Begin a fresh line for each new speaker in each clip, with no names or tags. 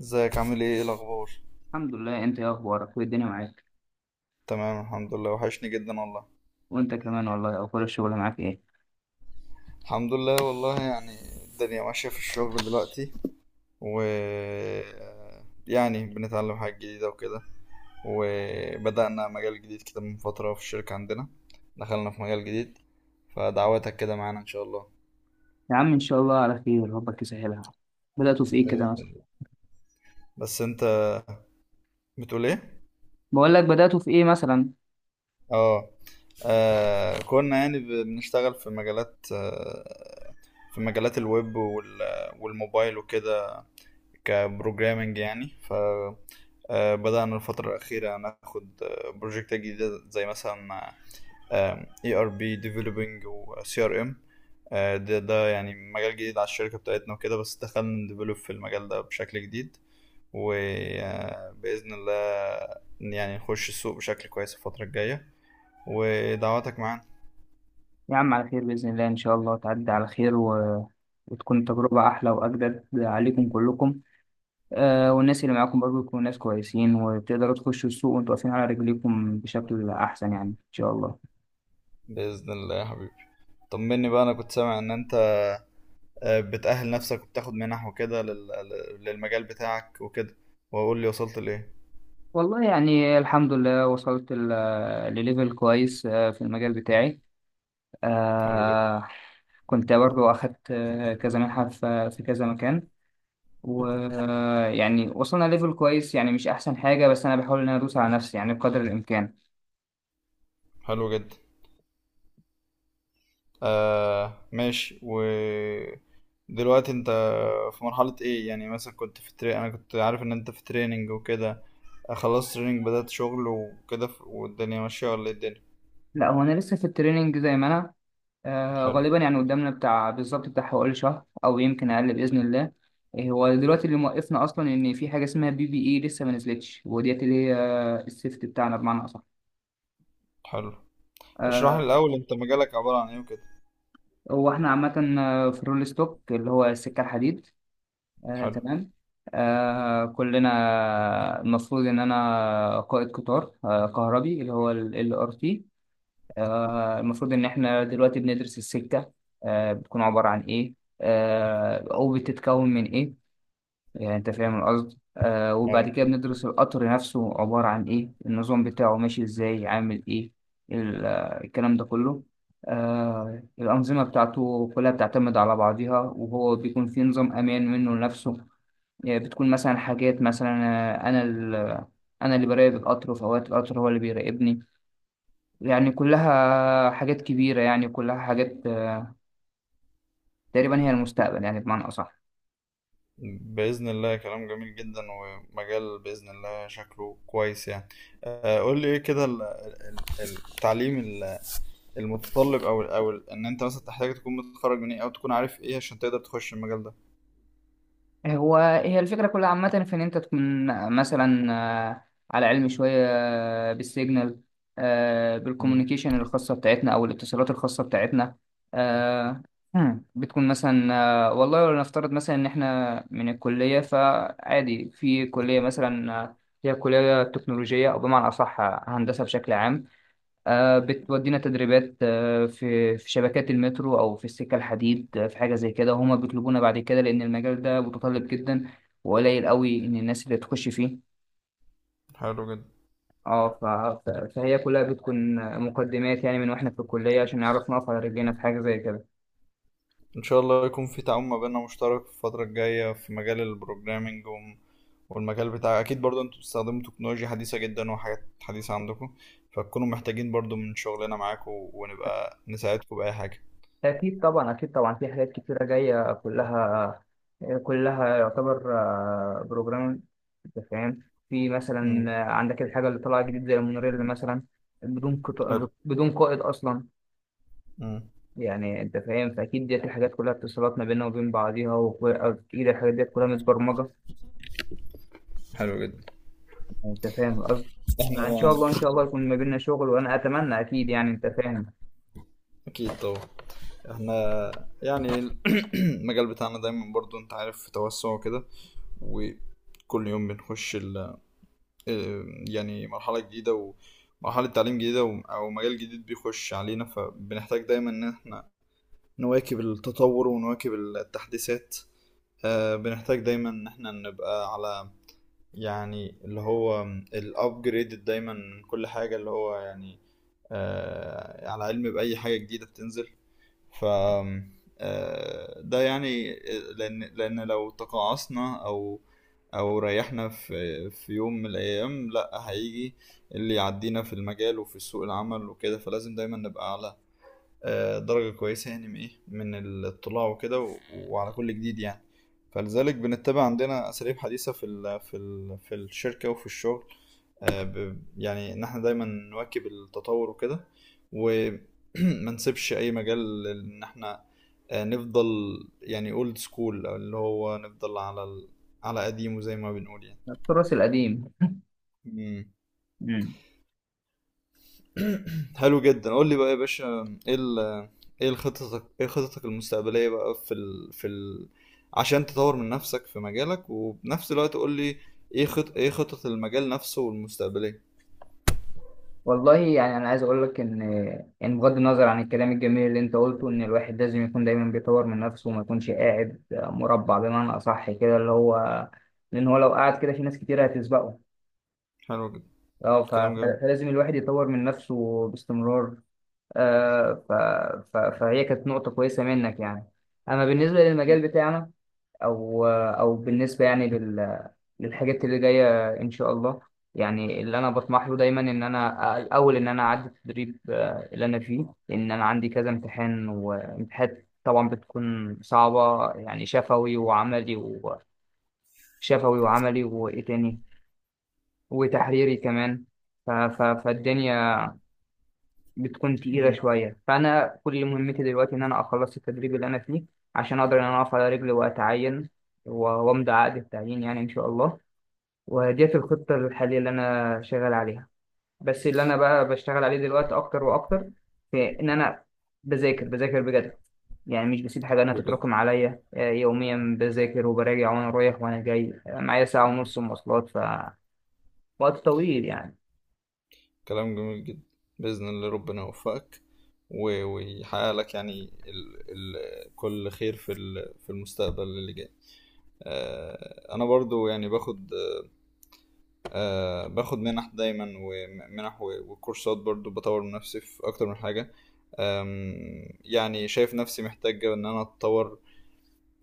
ازيك؟ عامل ايه؟ ايه الاخبار؟
الحمد لله، انت ايه اخبارك وايه الدنيا معاك؟
تمام، الحمد لله، وحشني جدا والله.
وانت كمان والله. اخبار الشغل معاك ايه؟
الحمد لله والله. يعني الدنيا ماشية في الشغل دلوقتي و يعني بنتعلم حاجات جديدة وكده، وبدأنا مجال جديد كده من فترة في الشركة عندنا، دخلنا في مجال جديد، فدعواتك كده معانا ان شاء الله.
يا عم ان شاء الله على خير، ربك يسهلها. بدأتوا في ايه
بإذن
كده مثلا؟
الله. بس انت بتقول ايه؟
بقول لك بدأتوا في ايه مثلا؟
اه. كنا يعني بنشتغل في مجالات، في مجالات الويب والموبايل وكده، كبروجرامنج يعني. ف آه، بدأنا الفترة الأخيرة ناخد بروجكتات جديدة زي مثلا ERP ديفلوبينج وسي ار ام. ده يعني مجال جديد على الشركة بتاعتنا وكده، بس دخلنا نديفلوب في المجال ده بشكل جديد. وبإذن الله يعني نخش السوق بشكل كويس الفترة الجاية. ودعواتك معانا،
يا عم على خير بإذن الله، ان شاء الله تعدي على خير وتكون تجربة احلى واجدد عليكم كلكم. والناس اللي معاكم برضو يكونوا ناس كويسين وتقدروا تخشوا السوق وانتوا واقفين على رجليكم بشكل احسن يعني ان شاء الله.
بإذن الله يا حبيبي. طمني بقى، أنا كنت سامع إن أنت بتأهل نفسك وبتاخد منح وكده للمجال بتاعك وكده. وأقول لي وصلت لإيه؟
والله يعني الحمد لله، وصلت لليفل كويس في المجال بتاعي.
حلو جدا.
آه كنت برضو أخدت كذا منحة في كذا مكان. ويعني وصلنا ليفل كويس، يعني مش أحسن حاجة، بس أنا بحاول إن أنا أدوس على نفسي يعني بقدر الإمكان.
حلو جدا. آه، ماشي. ودلوقتي أنت في مرحلة إيه يعني؟ مثلا كنت في تري... أنا كنت عارف إن أنت في تريننج وكده، خلصت تريننج، بدأت شغل وكده. والدنيا ماشية ولا إيه الدنيا؟
لا، هو أنا لسه في التريننج زي ما أنا.
حلو.
غالبا يعني قدامنا بتاع بالظبط بتاع حوالي شهر أو يمكن أقل بإذن الله. إيه، هو دلوقتي اللي موقفنا أصلا إن في حاجة اسمها PPE لسه ما نزلتش، وديت اللي هي السيفت بتاعنا بمعنى أصح.
حلو. اشرح لي
آه،
الأول، أنت مجالك عبارة عن إيه وكده؟
هو احنا عامة في الرول ستوك اللي هو السكة الحديد،
حلو.
تمام. كلنا المفروض ان انا قائد قطار كهربي اللي هو RT. المفروض ان احنا دلوقتي بندرس السكه، بتكون عباره عن ايه، او بتتكون من ايه. يعني انت فاهم القصد. وبعد كده بندرس القطر نفسه عباره عن ايه، النظام بتاعه ماشي ازاي، عامل ايه. الكلام ده كله. الأنظمة بتاعته كلها بتعتمد على بعضها، وهو بيكون في نظام أمان منه لنفسه. يعني بتكون مثلا حاجات مثلا آه، أنا ال- أنا اللي براقب القطر، وفي أوقات القطر هو اللي بيراقبني. يعني كلها حاجات كبيرة، يعني كلها حاجات تقريبا هي المستقبل يعني بمعنى أصح.
بإذن الله. كلام جميل جدا، ومجال بإذن الله شكله كويس يعني. قول لي ايه كده، التعليم المتطلب، ان انت مثلا تحتاج تكون متخرج من ايه، او تكون عارف ايه عشان تقدر تخش المجال ده؟
هو هي الفكرة كلها عامة في إن أنت تكون مثلا آه، على علم شوية بالسيجنال،
مم.
بالكوميونيكيشن الخاصة بتاعتنا أو الاتصالات الخاصة بتاعتنا. آه، بتكون مثلا والله لو نفترض مثلا إن إحنا من الكلية، فعادي في كلية مثلا هي كلية تكنولوجية أو بمعنى أصح هندسة بشكل عام. بتودينا تدريبات في شبكات المترو او في السكه الحديد، في حاجه زي كده هما بيطلبونا بعد كده، لان المجال ده متطلب جدا وقليل قوي ان الناس اللي تخش فيه.
حلو جدا.
اه ف- فهي كلها بتكون مقدمات يعني من واحنا في الكليه عشان نعرف نقف على رجلينا في حاجه زي كده.
ان شاء الله يكون في تعاون ما بيننا مشترك في الفترة الجاية في مجال البروجرامينج والمجال بتاع، اكيد برضه انتوا بتستخدموا تكنولوجيا حديثة جدا وحاجات حديثة عندكم، فتكونوا محتاجين برضه من شغلنا معاكم ونبقى نساعدكم بأي حاجة.
اكيد طبعا، اكيد طبعا، في حاجات كتيره جايه كلها، كلها يعتبر بروجرام. انت فاهم؟ في
مم.
مثلا عندك الحاجه اللي طالعه جديد زي المونوريل مثلا. بدون قط...
حلو.
بدون قائد اصلا.
مم.
يعني انت فاهم، فاكيد ديت الحاجات كلها اتصالات ما بيننا وبين بعضيها، واكيد الحاجات ديت كلها متبرمجه.
حلو جدا.
انت فاهم القصد؟
احنا
فان شاء
يعني،
الله، ان شاء الله يكون ما بيننا شغل، وانا اتمنى اكيد يعني انت فاهم.
اكيد طبعا، احنا يعني المجال بتاعنا دايما برضو انت عارف في توسع وكده. وكل يوم بنخش ال آه، يعني مرحلة جديدة، ومرحلة تعليم جديدة او مجال جديد بيخش علينا، فبنحتاج دايما ان احنا نواكب التطور ونواكب التحديثات. بنحتاج دايما ان احنا نبقى على، يعني اللي هو، الابجريد دايما من كل حاجة. اللي هو يعني على علم بأي حاجة جديدة بتنزل. ف آه، ده يعني، لأن لو تقاعصنا أو ريحنا في يوم من الأيام، لأ هيجي اللي يعدينا في المجال وفي سوق العمل وكده. فلازم دايما نبقى على درجة كويسة يعني، من إيه، من الاطلاع وكده، وعلى كل جديد يعني. فلذلك بنتبع عندنا أساليب حديثة في الشركة وفي الشغل. يعني إن إحنا دايما نواكب التطور وكده. وما نسيبش أي مجال إن إحنا نفضل يعني اولد سكول، اللي هو نفضل على قديمه زي ما بنقول
التراث القديم.
يعني.
مم.
حلو جدا. قول لي بقى يا باشا، ايه ال ايه خططك المستقبلية بقى، في ال في ال عشان تطور من نفسك في مجالك، وبنفس الوقت قول لي ايه خطط المجال نفسه والمستقبلية.
والله يعني انا عايز اقول لك ان بغض النظر عن الكلام الجميل اللي انت قلته، ان الواحد لازم يكون دايما بيطور من نفسه وما يكونش قاعد مربع بمعنى اصح كده اللي هو، لان هو لو قعد كده في ناس كتير هتسبقه.
حلو جدا. كلام جميل.
فلازم الواحد يطور من نفسه باستمرار. آه، ف... فهي كانت نقطة كويسة منك يعني. أما بالنسبة للمجال بتاعنا، أو بالنسبة للحاجات اللي جاية إن شاء الله، يعني اللي أنا بطمح له دايما إن أنا الأول إن أنا أعدي التدريب اللي أنا فيه، لأن أنا عندي كذا امتحان. وامتحانات طبعا بتكون صعبة، يعني شفوي وعملي، وشفوي وعملي وإيه تاني؟ وتحريري كمان. فالدنيا بتكون تقيلة
مم.
شوية، فأنا كل مهمتي دلوقتي إن أنا أخلص التدريب اللي أنا فيه، عشان أقدر إن أنا أقف على رجلي وأتعين، وأمضي عقد التعيين يعني إن شاء الله. وديت الخطة الحالية اللي أنا شغال عليها. بس اللي أنا بقى بشتغل عليه دلوقتي أكتر وأكتر، في إن أنا بذاكر بذاكر بجد. يعني مش بسيب حاجة
حلو
أنا
جدا.
تتراكم عليا، يوميا بذاكر وبراجع، وأنا رايح وأنا جاي معايا ساعة
مم.
ونص مواصلات، فوقت طويل يعني.
كلام جميل جدا. بإذن الله ربنا يوفقك ويحقق لك يعني ال ال كل خير في المستقبل اللي جاي. انا برضو يعني باخد منح دايما ومنح وكورسات، برضو بطور من نفسي في اكتر من حاجة. يعني شايف نفسي محتاج ان انا اتطور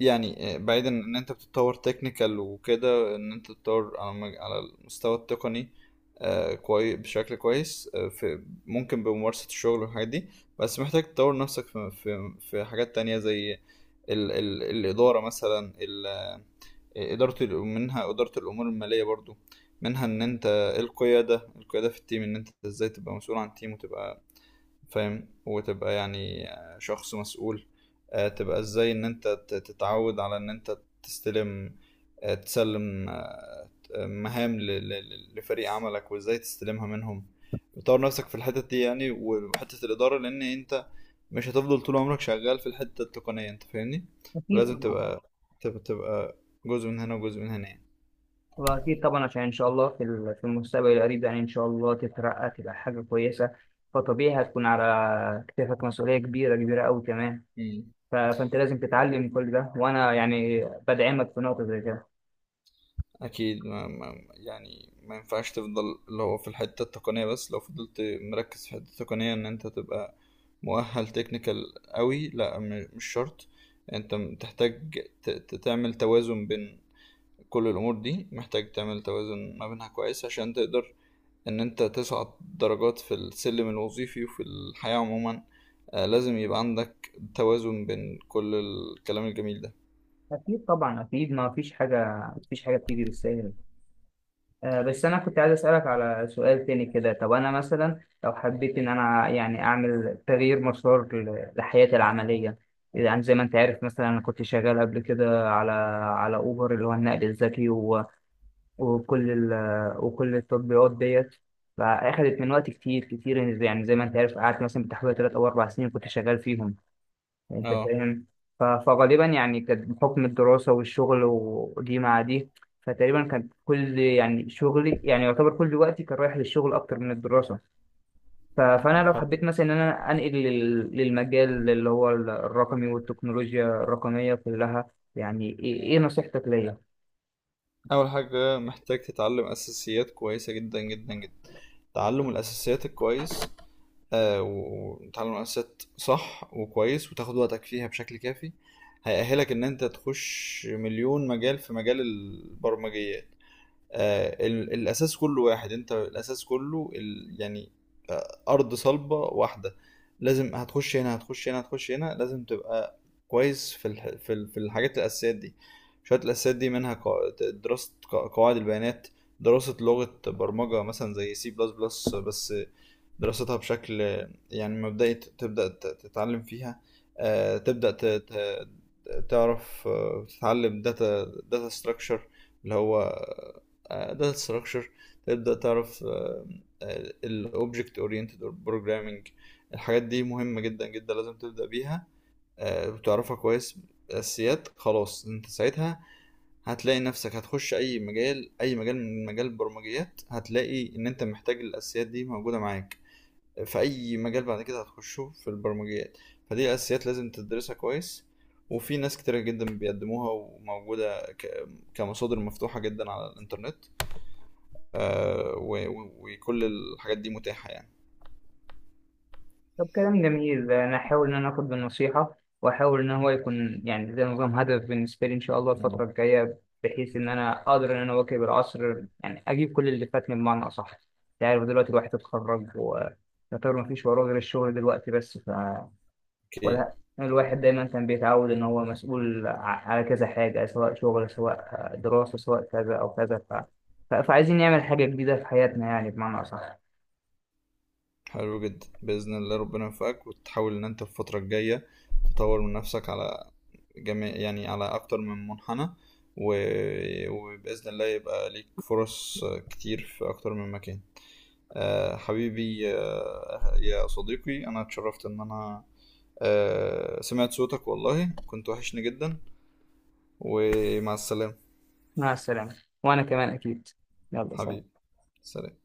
يعني. بعيدا ان انت بتتطور تكنيكال وكده، ان انت تتطور على المستوى التقني كويس، بشكل كويس، آه، في ممكن بممارسة الشغل والحاجات دي. بس محتاج تطور نفسك في حاجات تانية زي ال ال الإدارة مثلا، منها إدارة الأمور المالية برضو، منها إن أنت القيادة، القيادة في التيم، إن أنت إزاي تبقى مسؤول عن تيم، وتبقى فاهم، وتبقى يعني شخص مسؤول. تبقى ازاي ان انت تتعود على ان انت تستلم آه، تسلم مهام لفريق عملك، وازاي تستلمها منهم. بتطور نفسك في الحتة دي يعني، وحتة الإدارة لأن أنت مش هتفضل طول عمرك شغال في الحتة التقنية. أنت فاهمني؟
أكيد
لازم
طبعا،
تبقى. تبقى جزء من هنا وجزء من هنا يعني.
وأكيد طبعا عشان إن شاء الله في المستقبل القريب يعني إن شاء الله تترقى تبقى حاجة كويسة، فطبيعي هتكون على كتافك مسؤولية كبيرة كبيرة أوي كمان.
مم.
فأنت لازم تتعلم كل ده، وأنا يعني بدعمك في نقطة زي كده.
اكيد، ما ما يعني ما ينفعش تفضل اللي هو في الحته التقنيه بس. لو فضلت مركز في الحته التقنيه ان انت تبقى مؤهل تكنيكال قوي، لا. مش شرط. انت تحتاج تعمل توازن بين كل الامور دي. محتاج تعمل توازن ما بينها كويس عشان تقدر ان انت تصعد درجات في السلم الوظيفي وفي الحياه عموما. لازم يبقى عندك توازن بين كل الكلام الجميل ده.
أكيد طبعا، أكيد ما فيش حاجة، ما فيش حاجة بتيجي بالسهل. بس أنا كنت عايز أسألك على سؤال تاني كده. طب أنا مثلا لو حبيت إن أنا يعني أعمل تغيير مسار لحياتي العملية، يعني زي ما أنت عارف مثلا أنا كنت شغال قبل كده على أوبر اللي هو النقل الذكي وكل ال... وكل التطبيقات ديت. فأخدت من وقت كتير كتير، يعني زي ما أنت عارف قعدت مثلا بتحوالي تلات أو أربع سنين كنت شغال فيهم. انت
اه.
فاهم؟ فغالبا يعني كانت بحكم الدراسة والشغل ودي مع دي، فتقريبا كان كل يعني شغلي يعني يعتبر كل وقتي كان رايح للشغل أكتر من الدراسة. فأنا لو حبيت مثلا إن أنا أنقل للمجال اللي هو الرقمي والتكنولوجيا الرقمية كلها، يعني إيه نصيحتك ليا؟
أول حاجة محتاج تتعلم أساسيات كويسة جدا جدا جدا. تعلم الأساسيات الكويس. وتعلم الأساسيات صح وكويس وتاخد وقتك فيها بشكل كافي، هيأهلك إن أنت تخش مليون مجال في مجال البرمجيات. الأساس كله واحد، أنت الأساس كله يعني ارض صلبه واحده. لازم، هتخش هنا هتخش هنا هتخش هنا، لازم تبقى كويس في الحاجات الاساسيات دي. شويه الاساسيات دي منها، دراسه قواعد البيانات، دراسه لغه برمجه مثلا زي C++ بس، دراستها بشكل يعني مبدئي، تبدأ تتعلم فيها. تبدأ تعرف، تتعلم داتا ستراكشر، اللي هو داتا ستراكشر. تبدأ تعرف الاوبجكت اورينتد بروجرامنج. الحاجات دي مهمة جدا جدا، لازم تبدأ بيها وتعرفها كويس. اساسيات. خلاص، انت ساعتها هتلاقي نفسك هتخش اي مجال، اي مجال من مجال البرمجيات هتلاقي ان انت محتاج الاساسيات دي موجودة معاك في اي مجال بعد كده هتخشه في البرمجيات. فدي اساسيات لازم تدرسها كويس. وفي ناس كتيرة جدا بيقدموها وموجودة كمصادر مفتوحة جدا على الإنترنت. وكل الحاجات دي متاحة يعني.
طب كلام جميل، انا هحاول ان انا اخد بالنصيحه، واحاول ان هو يكون يعني زي نظام هدف بالنسبه لي ان شاء الله الفتره
مم.
الجايه، بحيث ان انا اقدر ان انا اواكب العصر يعني اجيب كل اللي فاتني بمعنى اصح. انت عارف دلوقتي الواحد اتخرج ويعتبر مفيش وراه غير الشغل دلوقتي بس.
اوكي.
ولا الواحد دايما كان بيتعود ان هو مسؤول على كذا حاجه سواء شغل سواء دراسه سواء كذا او كذا، فعايزين نعمل حاجه جديده في حياتنا يعني بمعنى اصح.
حلو جدا. بإذن الله ربنا يوفقك، وتحاول إن أنت في الفترة الجاية تطور من نفسك على جميع يعني على أكتر من منحنى. و... وبإذن الله يبقى ليك فرص كتير في أكتر من مكان. حبيبي، يا صديقي، انا اتشرفت ان انا سمعت صوتك والله. كنت وحشني جدا. ومع السلامة.
مع السلامه، وانا كمان اكيد. يلا سلام.
حبيبي، سلام.